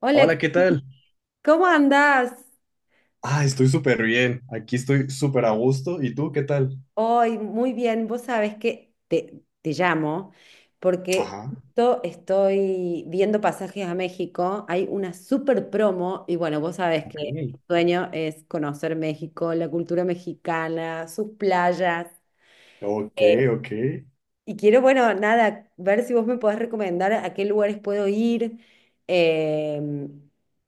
Hola, Hola, ¿qué tal? ¿cómo andás? Ah, estoy súper bien. Aquí estoy súper a gusto. ¿Y tú qué tal? Hoy muy bien, vos sabés que te llamo porque Ajá. justo estoy viendo pasajes a México, hay una super promo y bueno, vos sabés que Ok. mi sueño es conocer México, la cultura mexicana, sus playas. Ok, ok. Y quiero, bueno, nada, ver si vos me podés recomendar a qué lugares puedo ir, eh,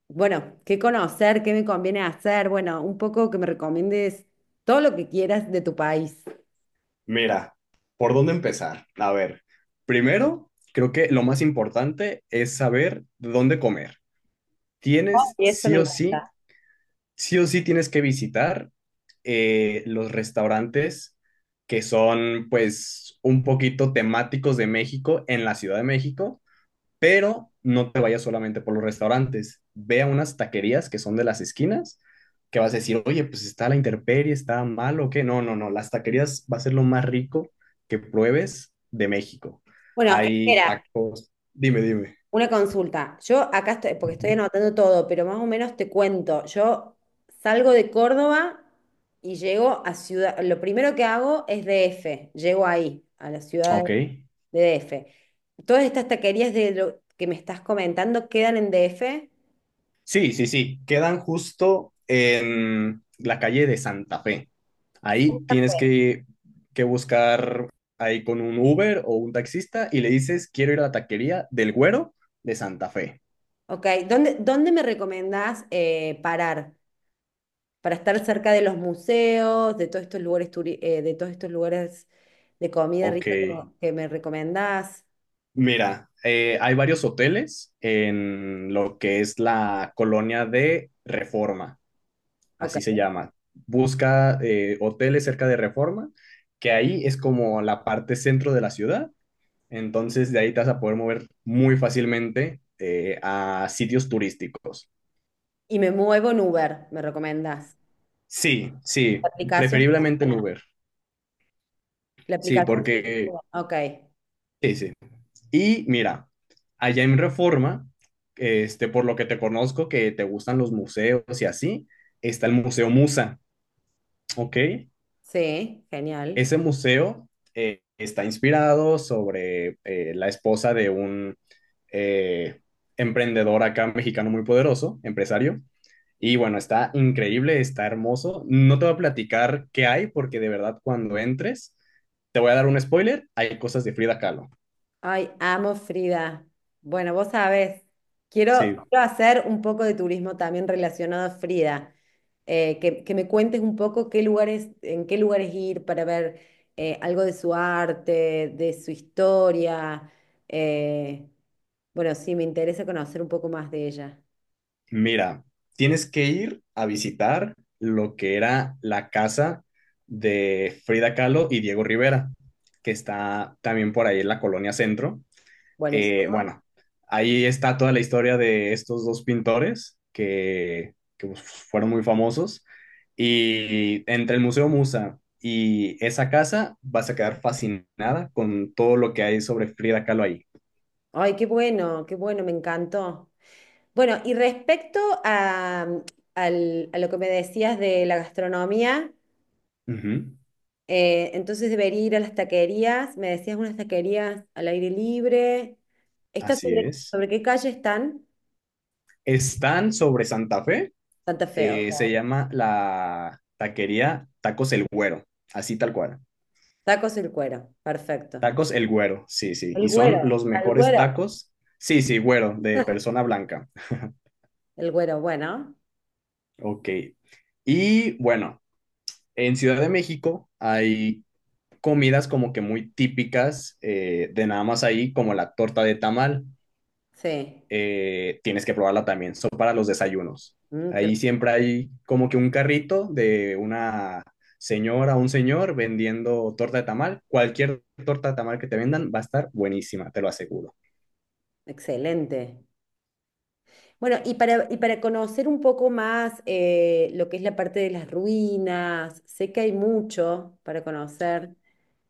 bueno, qué conocer, qué me conviene hacer, bueno, un poco que me recomiendes todo lo que quieras de tu país. Mira, ¿por dónde empezar? A ver, primero, creo que lo más importante es saber dónde comer. Tienes Y eso me encanta. sí o sí tienes que visitar los restaurantes que son pues un poquito temáticos de México en la Ciudad de México, pero no te vayas solamente por los restaurantes. Ve a unas taquerías que son de las esquinas, que vas a decir, oye, pues está la intemperie, está mal o qué. No, no, no, las taquerías va a ser lo más rico que pruebes de México. Bueno, Hay espera, tacos. Dime, dime. una consulta. Yo acá estoy, porque estoy Ujú. anotando todo, pero más o menos te cuento. Yo salgo de Córdoba y llego a Ciudad, lo primero que hago es DF, llego ahí, a la ciudad Ok. de DF. Todas estas taquerías de lo que me estás comentando quedan en DF. Sí, sí, sí. Quedan justo en la calle de Santa Fe. Ahí Santa tienes Fe. que, que buscar ahí con un Uber o un taxista y le dices, quiero ir a la taquería del Güero de Santa Fe. Ok, ¿dónde, dónde me recomendás parar? Para estar cerca de los museos, de todos estos lugares, de todos estos lugares de comida Ok, rica que me recomendás. mira, hay varios hoteles en lo que es la colonia de Reforma, Ok. así se llama. Busca hoteles cerca de Reforma, que ahí es como la parte centro de la ciudad, entonces de ahí te vas a poder mover muy fácilmente a sitios turísticos. Y me muevo en Uber, me recomendás. Sí, sí, La aplicación preferiblemente en funciona. Uber, La sí, aplicación porque... funciona. Ok. Sí, sí. Y mira, allá en Reforma, este, por lo que te conozco, que te gustan los museos y así, está el Museo Musa, ¿ok? Sí, genial. Ese museo está inspirado sobre la esposa de un eh, emprendedor acá mexicano muy poderoso, empresario. Y bueno, está increíble, está hermoso. No te voy a platicar qué hay, porque de verdad cuando entres, te voy a dar un spoiler, hay cosas de Frida Kahlo. Ay, amo Frida. Bueno, vos sabés, quiero, Sí. quiero hacer un poco de turismo también relacionado a Frida. Que me cuentes un poco qué lugares, en qué lugares ir para ver algo de su arte, de su historia. Eh, bueno, sí, me interesa conocer un poco más de ella. Mira, tienes que ir a visitar lo que era la casa de Frida Kahlo y Diego Rivera, que está también por ahí en la Colonia Centro. Buenísimo. Bueno, ahí está toda la historia de estos dos pintores que pues, fueron muy famosos. Y entre el Museo Musa y esa casa vas a quedar fascinada con todo lo que hay sobre Frida Kahlo ahí. Ay, qué bueno, me encantó. Bueno, y respecto a, a lo que me decías de la gastronomía. Ujú. Entonces debería ir a las taquerías. Me decías unas taquerías al aire libre. ¿Está Así sobre, es. ¿sobre qué calle están? Están sobre Santa Fe. Santa Fe, Se ok. llama la taquería Tacos El Güero, así tal cual. Tacos el cuero, perfecto. Tacos El Güero, sí, sí. El Y son güero, los al mejores güero. tacos. Sí, sí, güero, de persona blanca. El güero, bueno, Ok. Y bueno, en Ciudad de México hay comidas como que muy típicas de nada más ahí, como la torta de tamal. sí. Eh, tienes que probarla también. Son para los desayunos. Mm, qué- Ahí siempre hay como que un carrito de una señora o un señor vendiendo torta de tamal. Cualquier torta de tamal que te vendan va a estar buenísima, te lo aseguro. excelente. Bueno, y para conocer un poco más lo que es la parte de las ruinas, sé que hay mucho para conocer,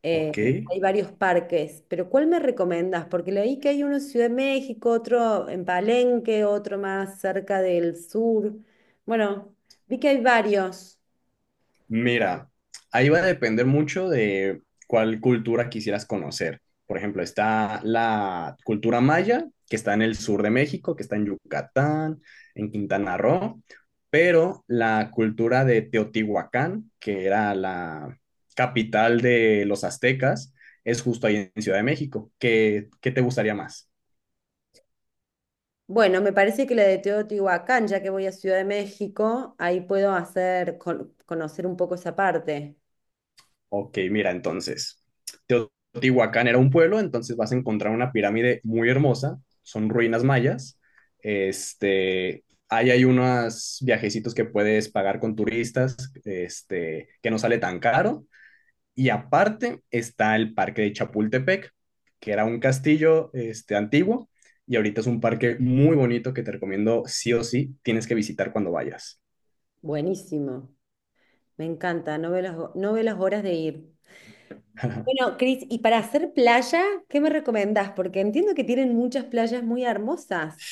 eh, Ok. hay varios parques, pero ¿cuál me recomendas? Porque leí que hay uno en Ciudad de México, otro en Palenque, otro más cerca del sur. Bueno, vi que hay varios. Mira, ahí va a depender mucho de cuál cultura quisieras conocer. Por ejemplo, está la cultura maya, que está en el sur de México, que está en Yucatán, en Quintana Roo, pero la cultura de Teotihuacán, que era la capital de los aztecas, es justo ahí en Ciudad de México. ¿Qué, qué te gustaría más? Bueno, me parece que la de Teotihuacán, ya que voy a Ciudad de México, ahí puedo hacer, conocer un poco esa parte. Ok, mira, entonces, Teotihuacán era un pueblo, entonces vas a encontrar una pirámide muy hermosa, son ruinas mayas. Este, ahí hay unos viajecitos que puedes pagar con turistas, este, que no sale tan caro. Y aparte está el parque de Chapultepec, que era un castillo, este, antiguo, y ahorita es un parque muy bonito que te recomiendo sí o sí, tienes que visitar cuando vayas. Buenísimo. Me encanta, no veo las horas de ir. Bueno, Cris, y para hacer playa, ¿qué me recomendás? Porque entiendo que tienen muchas playas muy hermosas.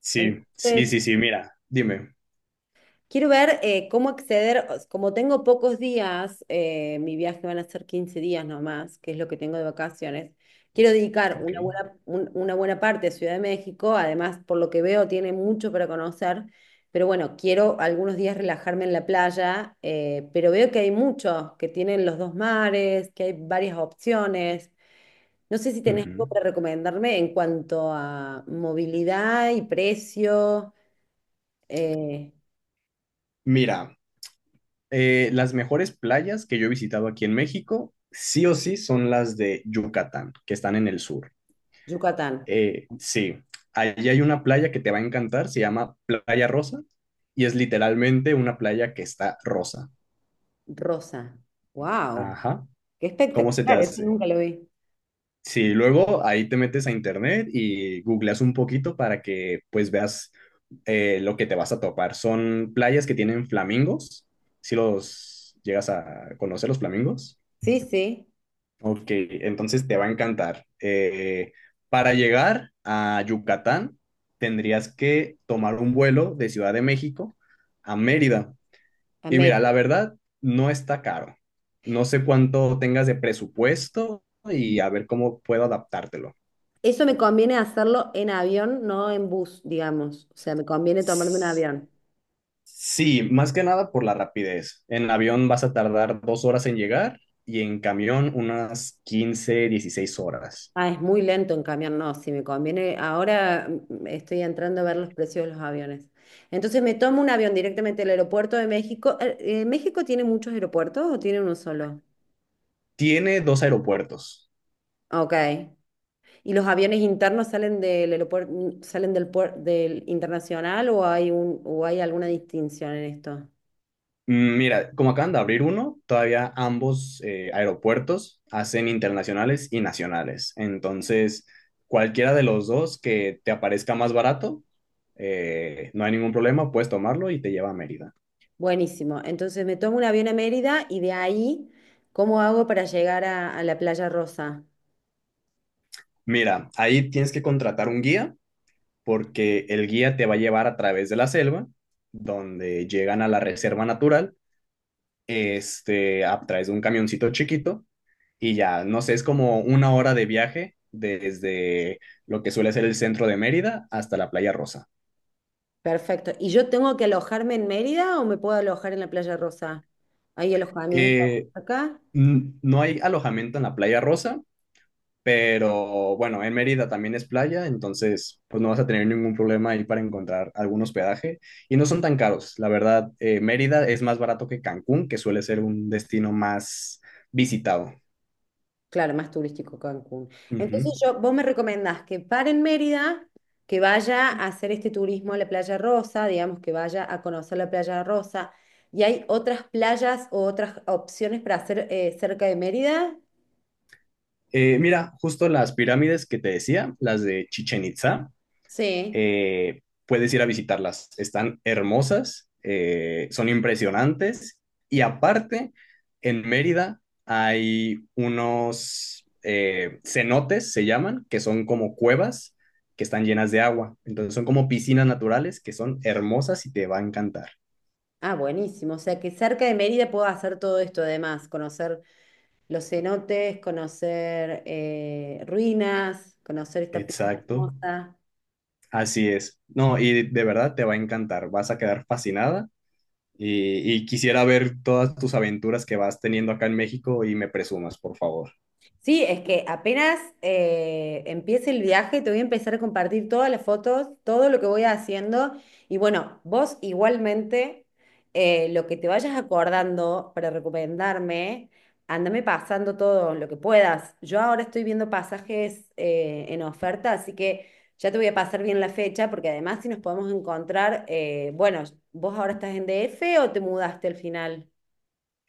Sí, Entonces, sí, sí, sí, mira, dime. quiero ver cómo acceder, o s- como tengo pocos días, mi viaje van a ser 15 días nomás, que es lo que tengo de vacaciones. Quiero dedicar Ok. una buena, un- una buena parte a Ciudad de México, además, por lo que veo, tiene mucho para conocer, pero bueno, quiero algunos días relajarme en la playa, pero veo que hay muchos, que tienen los dos mares, que hay varias opciones. No sé si tenés algo Ujú. para recomendarme en cuanto a movilidad y precio. eh, Mira, las mejores playas que yo he visitado aquí en México, sí o sí, son las de Yucatán, que están en el sur. Yucatán, Sí, allí hay una playa que te va a encantar, se llama Playa Rosa, y es literalmente una playa que está rosa. rosa. ¡Wow! Ajá, ¡Qué ¿cómo se te espectacular! Eso hace? nunca lo vi. Sí, luego ahí te metes a internet y googleas un poquito para que pues veas lo que te vas a topar. Son playas que tienen flamingos, si los llegas a conocer los flamingos. Sí, sí, Ok, entonces te va a encantar. Para llegar a Yucatán, tendrías que tomar un vuelo de Ciudad de México a Mérida. Y amé. mira, la verdad, no está caro. No sé cuánto tengas de presupuesto y a ver cómo puedo adaptártelo. Eso me conviene hacerlo en avión, no en bus, digamos. O sea, me conviene tomarme un S- avión. Sí, más que nada por la rapidez. En avión vas a tardar dos horas en llegar y en camión unas 15, 16 horas. Ah, es muy lento en camión, no, sí, me conviene. Ahora estoy entrando a ver los precios de los aviones. Entonces me tomo un avión directamente del aeropuerto de México. ¿México tiene muchos aeropuertos o tiene uno solo? Tiene dos aeropuertos. Ok. ¿Y los aviones internos salen del aeropuerto, del internacional o o hay alguna distinción en esto? Mm, mira, como acaban de abrir uno, todavía ambos aeropuertos hacen internacionales y nacionales. Entonces, cualquiera de los dos que te aparezca más barato, no hay ningún problema, puedes tomarlo y te lleva a Mérida. Buenísimo. Entonces me tomo un avión a Mérida y de ahí, ¿cómo hago para llegar a la Playa Rosa? Mira, ahí tienes que contratar un guía porque el guía te va a llevar a través de la selva, donde llegan a la reserva natural, este, a través de un camioncito chiquito y ya, no sé, es como una hora de viaje desde lo que suele ser el centro de Mérida hasta la Playa Rosa. Perfecto. ¿Y yo tengo que alojarme en Mérida o me puedo alojar en la Playa Rosa? ¿Hay alojamiento Eh, acá? No hay alojamiento en la Playa Rosa, pero bueno, en Mérida también es playa, entonces pues no vas a tener ningún problema ahí para encontrar algún hospedaje y no son tan caros. La verdad, Mérida es más barato que Cancún, que suele ser un destino más visitado. Claro, más turístico Cancún. Ujú. Entonces yo, vos me recomendás que pare en Mérida, que vaya a hacer este turismo a la Playa Rosa, digamos que vaya a conocer la Playa Rosa. ¿Y hay otras playas o otras opciones para hacer cerca de Mérida? Mira, justo las pirámides que te decía, las de Chichen Itza, Sí, puedes ir a visitarlas. Están hermosas, son impresionantes y aparte, en Mérida hay unos cenotes, se llaman, que son como cuevas que están llenas de agua. Entonces son como piscinas naturales que son hermosas y te va a encantar. ah, buenísimo. O sea que cerca de Mérida puedo hacer todo esto además, conocer los cenotes, conocer ruinas, conocer esta playa Exacto, hermosa. así es. No, y de verdad te va a encantar, vas a quedar fascinada. Y quisiera ver todas tus aventuras que vas teniendo acá en México y me presumas, por favor. Sí, es que apenas empiece el viaje, te voy a empezar a compartir todas las fotos, todo lo que voy haciendo. Y bueno, vos igualmente, lo que te vayas acordando para recomendarme, andame pasando todo lo que puedas. Yo ahora estoy viendo pasajes en oferta, así que ya te voy a pasar bien la fecha, porque además si nos podemos encontrar, bueno, vos ahora estás en DF o te mudaste al final.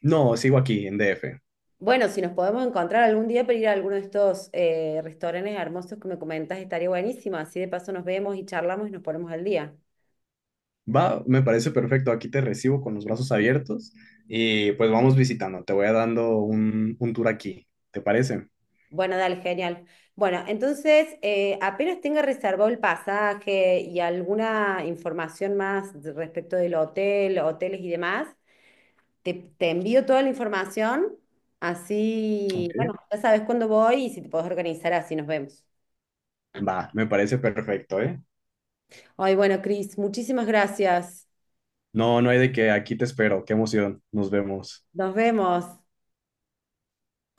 No, sigo aquí en DF. Bueno, si nos podemos encontrar algún día para ir a alguno de estos restaurantes hermosos que me comentas, estaría buenísimo. Así de paso nos vemos y charlamos y nos ponemos al día. Va, me parece perfecto. Aquí te recibo con los brazos abiertos y pues vamos visitando. Te voy a dando un tour aquí. ¿Te parece? Bueno, dale, genial. Bueno, entonces, apenas tenga reservado el pasaje y alguna información más respecto del hotel, hoteles y demás, te envío toda la información. Así, Ok. bueno, ya sabes cuándo voy y si te podés organizar, así nos vemos. Va, me parece perfecto, ¿eh? Ay, bueno, Cris, muchísimas gracias. No, no hay de qué, aquí te espero. Qué emoción. Nos vemos. Nos vemos.